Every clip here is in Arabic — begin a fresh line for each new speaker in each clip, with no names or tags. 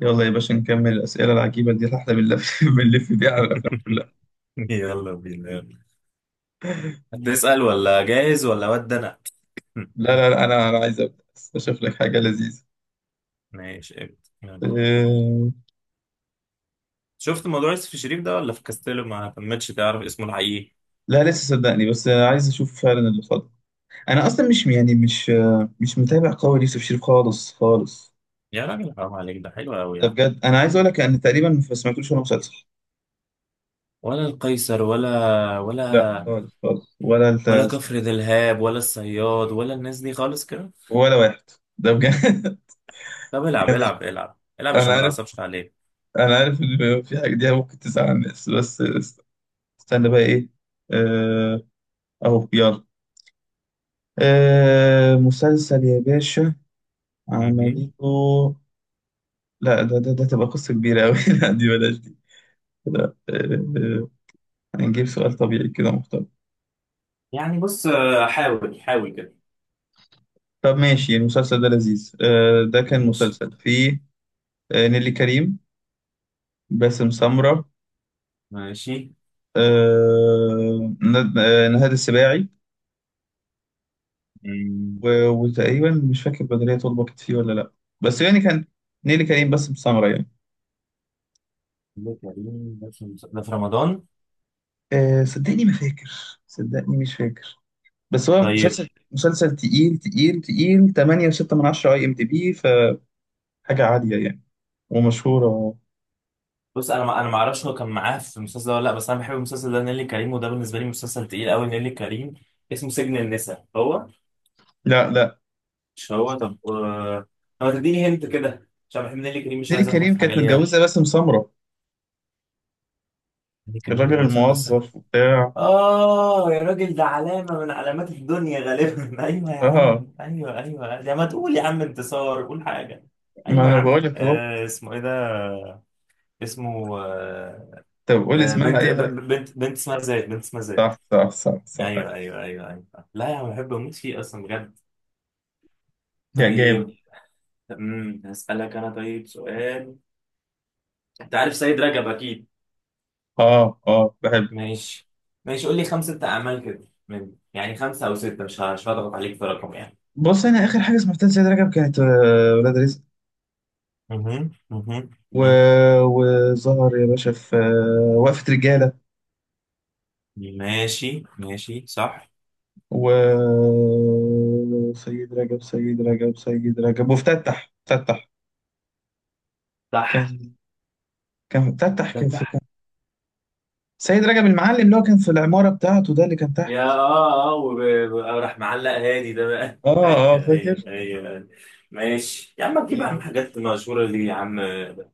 يلا يا باشا، نكمل الأسئلة العجيبة دي اللي احنا بنلف بنلف بيها على الأفلام كلها.
يلا بينا يلا. هتسأل ولا جاهز ولا ود انا؟
لا، لا، لا، أنا عايز أبدأ. أشوف لك حاجة لذيذة.
ماشي ابدا يلا.
أه...
شفت موضوع يوسف الشريف ده ولا في كاستيلو ما تمتش تعرف اسمه الحقيقي؟
لا، لسه صدقني، بس عايز أشوف فعلا اللي فاضل. أنا أصلا مش، يعني، مش متابع قوي ليوسف شريف، خالص خالص.
يا راجل حرام عليك، ده حلو قوي
ده
يعني.
بجد، أنا
يا
عايز أقول
عم
لك أن تقريبا ما سمعتلوش ولا مسلسل.
ولا القيصر ولا
لا،
ولا
خالص خالص،
ولا كفر دلهاب ولا الصياد ولا الناس دي خالص كده.
ولا واحد. ده بجد.
طب العب
يعني
العب العب العب
أنا
عشان ما
عارف،
تعصبش عليك.
أنا عارف إن في حاجة دي ممكن تزعل الناس، بس استنى بقى إيه؟ أه... أهو، يلا. آه، مسلسل يا باشا،
مهم.
عملته؟ لا، ده تبقى قصة كبيرة أوي. لا، دي بلاش دي، كده. آه، هنجيب سؤال طبيعي كده محترم.
يعني بص، حاول حاول كده.
طب ماشي، المسلسل ده لذيذ، ده كان
ماشي
مسلسل فيه نيلي كريم، باسم سمرة،
ماشي.
نهاد السباعي.
مم.
وتقريبا مش فاكر بدرية طلبة كانت فيه ولا لأ، بس يعني كان نيلي كريم، باسم سمرة يعني.
ده كريم، ده في، ده في رمضان؟
صدقني ما فاكر، صدقني مش فاكر. بس هو
طيب
مسلسل مسلسل تقيل تقيل تقيل 8 و6 من 10 IMDB فحاجة عالية يعني، ومشهورة.
بص انا ما اعرفش هو كان معاه في المسلسل ده ولا لا، بس انا بحب المسلسل ده نيلي كريم، وده بالنسبه لي مسلسل تقيل قوي نيلي كريم. اسمه سجن النساء هو؟
لا، لا،
مش هو؟ طب طب ما تديني هنت كده عشان بحب نيلي كريم، مش
نيلي
عايز اغلط
كريم
في حاجه
كانت
ليها.
متجوزة باسم سمرة،
نيلي كريم
الراجل
متجوزه بس؟
الموظف وبتاع.
اه يا راجل، ده علامه من علامات الدنيا غالبا. ايوه يا
اه،
عم ايوه ايوه، يا ما تقول يا عم انتصار، قول حاجه.
ما
ايوه يا
انا
عم،
بقول لك اهو.
آه، اسمه ايه ده؟ اسمه آه،
طب قول
آه،
اسمها
بنت
اي
ب-
حاجة.
ب- بنت بنت اسمها زيد، بنت اسمها زيد.
صح، صح، صح، صح.
ايوه ايوه ايوه ايوه، لا يا عم بحب اموت فيه اصلا بجد.
يا جامد.
طيب. امم، هسألك انا طيب سؤال. انت عارف سيد رجب اكيد.
اه، اه، بحب.
ماشي ماشي. قول لي خمسة اعمال كده، من يعني خمسة او ستة، مش هضغط عليك في رقم يعني.
بص، انا اخر حاجة سمعتها لسيد رجب كانت ولاد رزق.
مهم، مهم،
و...
مهم.
وظهر يا باشا في وقفة رجالة.
ماشي ماشي صح.
وسيد رجب، وفتتح.
صح.
كان، كان فتتح
ده
كان في
صح.
كان سيد رجب المعلم اللي هو كان في العمارة بتاعته، ده اللي كان
يا
تحت.
اه اه راح معلق هادي ده بقى.
اه، اه،
ايوه
فاكر.
ايوه ايوه. ماشي يا عم، تجيب يا عم حاجات مشهورة دي يا عم؟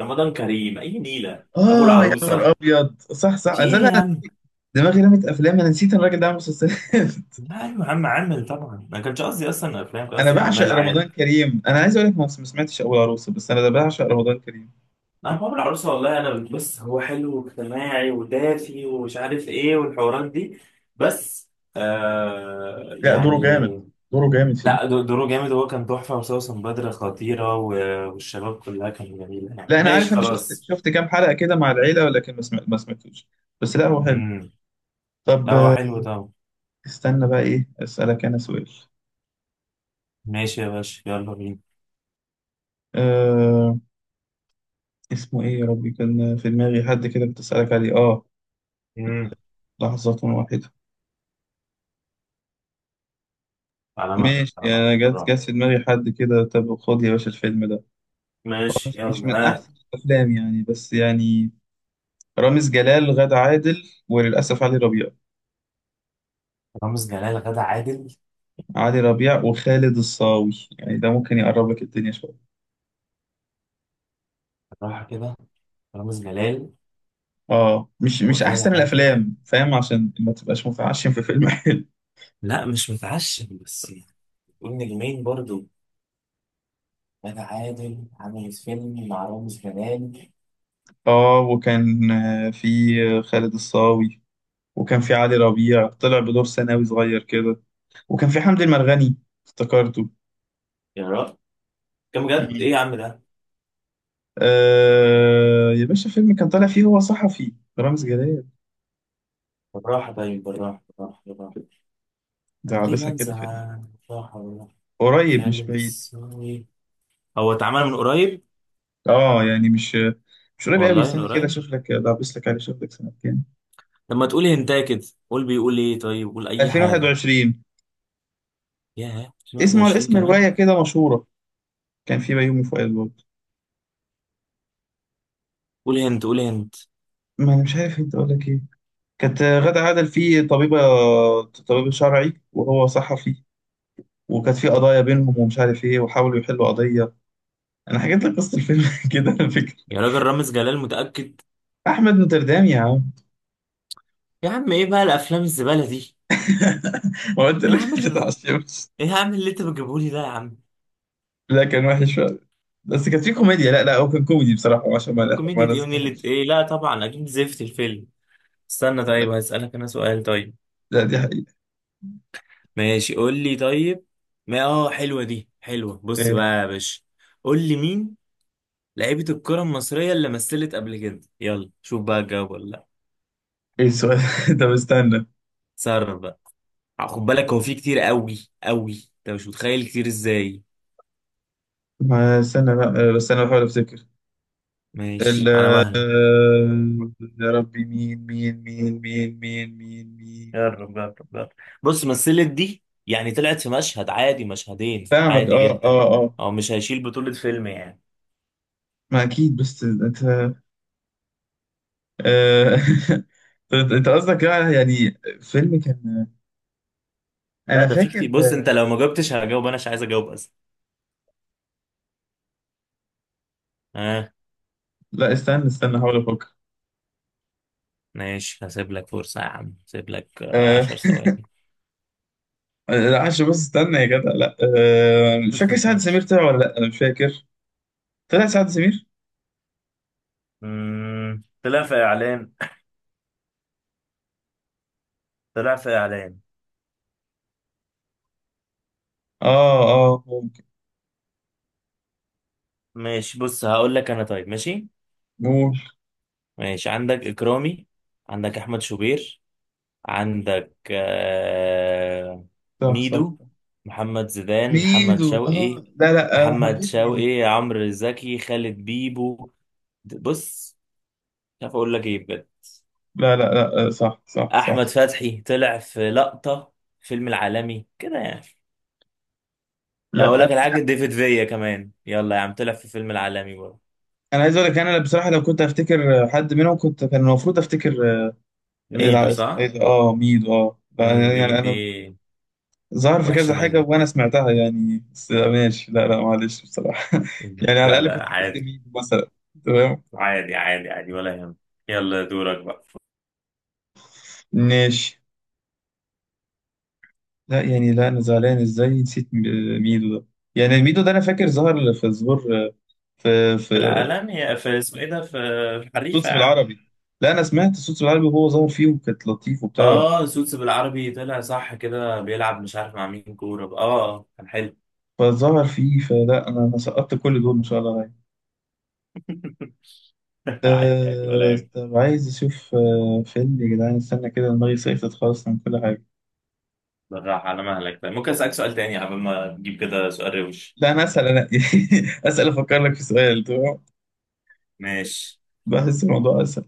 رمضان كريم اي نيلة. ابو
اه، يا نهار
العروسة.
ابيض، صح، صح،
في
أصل
ايه
انا
يا عم؟
دماغي رمت افلام، انا نسيت إن الراجل ده عامل مسلسلات.
لا ايوه يا عم عامل طبعا، ما كانش قصدي اصلا افلام، كان
انا
قصدي
بعشق
اعمال
رمضان
عادي.
كريم، انا عايز اقول لك ما سمعتش اول عروسه، بس انا ده بعشق رمضان كريم.
انا بابا العروسه، والله انا بص هو حلو واجتماعي ودافي ومش عارف ايه والحوارات دي، بس آه
لا، دوره
يعني.
جامد، دوره جامد فيه.
لا دوره جامد، هو كان تحفه، وسوسن بدر خطيره، والشباب كلها كانت جميله يعني.
لا، انا
ماشي
عارف، انا شفت
خلاص.
شفت كام حلقه كده مع العيله، ولكن ما سمعتوش. بس لا، هو حلو.
امم.
طب
لا هو حلو طبعا.
استنى بقى، ايه، اسالك انا سؤال.
ماشي يا باشا يلا بينا.
آه، اسمه ايه يا ربي؟ كان في دماغي حد كده كنت اسالك عليه، اه.
امم.
لحظة واحدة.
على ما،
ماشي،
على ما
انا جت
بالراحه.
جت في دماغي حد كده. طب خد يا باشا الفيلم ده، هو
ماشي
مش
يلا
من
ها.
احسن الافلام يعني، بس يعني، رامز جلال، غادة عادل، وللاسف علي ربيع،
رامز جلال، غدا عادل.
علي ربيع وخالد الصاوي، يعني ده ممكن يقرب لك الدنيا شويه.
بالراحه كده. رامز جلال.
اه، مش
وغادة
احسن
عادل.
الافلام، فاهم، عشان ما تبقاش متعشم في فيلم. حلو.
لا مش متعشم، بس يعني قول نجمين برضو. غادة عادل عملت فيلم مع رامز جلال؟
اه، وكان في خالد الصاوي، وكان في علي ربيع طلع بدور ثانوي صغير كده، وكان في حمدي المرغني، افتكرته.
يا رب، كم جد
مم.
ايه يا عم ده؟
آه يا باشا، فيلم كان طالع فيه، هو صحفي، رامز جلال،
بالراحة باين، بالراحة بالراحة بالراحة.
ده
انا ليه
عابسة كده فيلم.
بنزع بالراحة بالراحة.
قريب مش
خالد
بعيد.
الصاوي. هو اتعمل من قريب؟
اه يعني مش قريب قوي.
والله من
استنى كده،
قريب.
اشوف لك، ده عابس لك عليه، اشوف لك سنة كام.
لما تقول هنتايه كده. قول، بيقول ايه؟ طيب قول اي حاجة.
2021.
ياه،
اسمه على
2021
اسم
كمان.
رواية كده مشهورة، كان في بيومي فؤاد برضه.
قول هنت، قول هنت.
ما انا مش عارف انت اقول لك ايه. كانت غادة عادل فيه طبيبة، طبيب شرعي، وهو صحفي، وكانت في قضايا بينهم ومش عارف ايه، وحاولوا يحلوا قضيه. انا حكيت لك قصه الفيلم. كده على فكره.
يا راجل رامز جلال متأكد؟
احمد نوتردام يا عم.
يا عم ايه بقى الافلام الزبالة دي؟
ما قلت
ايه يا
لك.
عم
ما
اللي،
تتعشمش.
ايه يا عم اللي انت بتجيبه لي ده يا عم؟
لا، كان وحش فعلا، بس كانت في كوميديا، لا لا، هو كان كوميدي بصراحه، عشان ما ما
كوميديا دي اللي
نصدمش.
ايه؟ لا طبعا اكيد زفت الفيلم. استنى،
لا،
طيب هسألك انا سؤال طيب.
لا، دي حقيقه.
ماشي، قول لي طيب. ما اه، حلوة دي حلوة. بص
ايه
بقى يا باشا، قول لي مين لعيبة الكرة المصرية اللي مثلت قبل كده، يلا شوف بقى الجواب ولا لا.
ايه السؤال؟ طب استنى.
تصرف بقى. خد بالك هو في كتير قوي قوي، انت مش متخيل كتير ازاي.
ما استنى بقى، بس انا بحاول افتكر. ال
ماشي على مهلك.
يا ربي، مين، مين، مين، مين، مين، مين، مين.
يا رب يا رب يا رب. بص مثلت دي يعني طلعت في مشهد عادي، مشهدين
فاهمك،
عادي
اه،
جدا.
اه، اه.
هو مش هيشيل بطولة فيلم يعني.
ما اكيد، بس انت، آه، طب انت قصدك يعني فيلم كان،
لا
انا
ده في
فاكر،
كتير، بص انت لو ما جاوبتش هجاوب انا، مش عايز اجاوب اصلا. اه.
لا، استنى استنى، هحاول افكر.
ماشي هسيب لك فرصة يا عم، هسيب لك
آه،
عشر ثواني.
لا عشان بس استنى يا جدع، لا، مش فاكر سعد سمير طلع ولا لا، انا مش فاكر. طلع سعد سمير.
مم، طلع في اعلان. طلع في اعلان.
اه، اه، ممكن.
ماشي بص هقول لك انا طيب. ماشي
ممكن.
ماشي. عندك اكرامي، عندك احمد شوبير، عندك
صح، صح،
ميدو، محمد زيدان، محمد
ميدو، اه،
شوقي،
لا، لا، انا
محمد
حبيت ميدو.
شوقي، عمرو زكي، خالد بيبو. بص، مش عارف اقول لك ايه بجد.
لا، لا، لا، صح، صح،
احمد
صح.
فتحي طلع في لقطة، فيلم العالمي كده يعني.
لا،
اقول
انا
لك الحاج ديفيد فيا كمان، يلا يا عم، طلع في فيلم العالمي برضه.
أنا عايز اقول لك انا بصراحه، لو كنت افتكر حد منهم كنت كان المفروض افتكر.
ميدو
اسمه
صح.
ايه ده، اه، ميدو، اه،
امم،
لا،
دي
يعني
دي
انا ظهر في كذا
وحشة
حاجة وأنا
منك.
سمعتها يعني، بس ماشي، لا لا، معلش بصراحة. يعني على
لا
الأقل كنت
لا
جبت
عادي،
ميدو مثلا. تمام.
عادي عادي عادي، ولا يهم. يلا دورك بقى.
ماشي. لا يعني، لا أنا زعلان إزاي نسيت ميدو ده. يعني ميدو ده أنا فاكر ظهر في ظهور، في
في العالم هي في اسمه ايه ده، في في حريفة
صوت
يا عم.
بالعربي. لا، أنا سمعت صوت بالعربي وهو ظهر فيه وكانت لطيف وبتاع.
اه سوتس بالعربي، طلع صح كده بيلعب مش عارف مع مين كورة، اه كان حلو.
فظهر فيه، فلا أنا سقطت كل دول إن شاء الله يعني.
عادي عادي ولا يهمك.
طب عايز أشوف فيلم يا جدعان. استنى كده، دماغي صيفت خالص من كل حاجة.
بالراحة على مهلك. طيب ممكن أسألك سؤال تاني قبل ما تجيب كده، سؤال روش.
لا، انا اسال انا. اسال افكر لك في سؤال، تمام.
ماشي.
بحس الموضوع اسهل.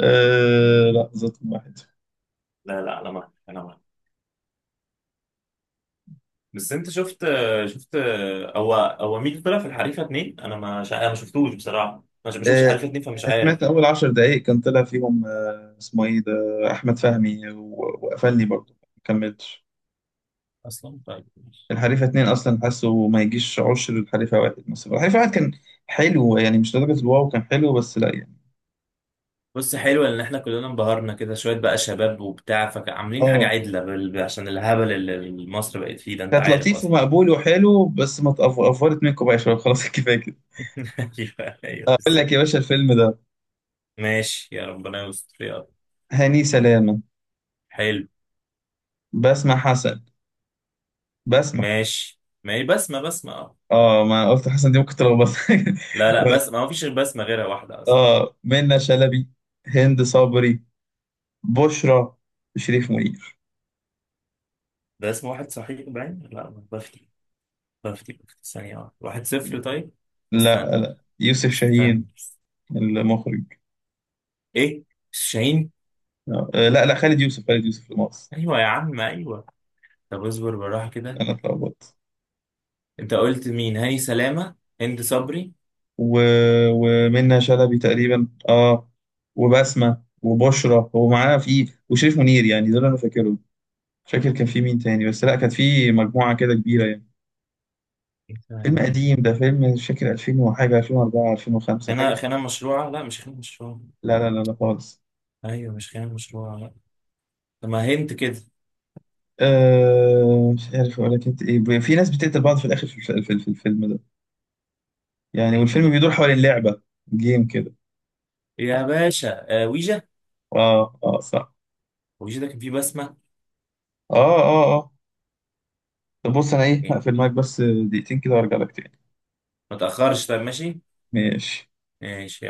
لا، رقم واحد.
لا لا على مهلك على مهلك. بس انت شفت هو هو مين طلع في الحريفة اتنين؟ انا ما شا... انا ما شفتوش بصراحة، ما شفتش
أه
حريفة اتنين فمش
انا
عارف
سمعت اول 10 دقائق، كان طلع فيهم، اسمه ايه ده، احمد فهمي، وقفلني برضه، ما كملتش.
اصلا. طيب ماشي.
الحريفه اتنين اصلا، حاسه ما يجيش عشر الحريفه واحد، مثلا الحريفه واحد كان حلو يعني، مش لدرجه الواو، كان حلو، بس لا يعني.
بص حلو ان احنا كلنا انبهرنا كده شويه بقى شباب وبتاع فعاملين حاجه
اه،
عدله عشان الهبل اللي مصر بقت فيه ده، انت
كانت
عارف
لطيف
اصلا.
ومقبول وحلو، بس ما تقف- افورت منكم بقى يا شباب. خلاص، كفايه كده.
ايوه ايوه
اقول
بس.
لك يا باشا الفيلم ده:
ماشي يا ربنا يستر يا رب.
هاني سلامه،
حلو.
بسمة حسن، بسمة.
ماشي ما هي بسمه، بسمه اه.
اه، ما قلت حسن، دي ممكن تلخبط.
لا لا بس ما فيش غير بسمه غيرها واحده اصلا.
اه، منى شلبي، هند صبري، بشرى، شريف منير.
ده اسم واحد صحيح باين، لا ما بفتي. بفتي بفتي ثانيه واحده، واحد صفر طيب. استنى
لا، لا، يوسف شاهين،
استنى.
المخرج.
ايه؟ شاهين.
آه، لا، لا، خالد يوسف، المقص.
ايوه يا عم ايوه. طب اصبر بالراحه كده.
انا اتلخبطت.
انت قلت مين؟ هاني سلامه، هند صبري.
و... ومنى شلبي تقريبا، اه، وبسمة وبشرى هو معاه في وشريف منير يعني، دول انا فاكرهم. مش فاكر كان في مين تاني، بس لا، كانت في مجموعة كده كبيرة يعني.
إيه
فيلم
فاهم؟
قديم ده، فيلم مش فاكر 2000 وحاجة، 2004، 2005 حاجة
خناقة، خناقة مشروعة؟ لا مش خناقة مشروعة.
لا، لا، لا، لا، خالص.
أيوة مش خناقة مشروعة لا. طب ما هنت كده.
آه، مش عارف ولا كانت ايه، في ناس بتقتل بعض في الاخر في الفيلم ده، يعني
ايه ده؟
والفيلم بيدور حوالين لعبه جيم كده.
يا باشا آه، ويجا.
اه، اه، صح.
ويجا ده كان فيه بسمة.
اه، اه، اه. طب بص، انا ايه،
إيه؟
هقفل معاك بس دقيقتين كده وارجع لك تاني.
ما تأخرش، طب ماشي.
ماشي.
ماشي.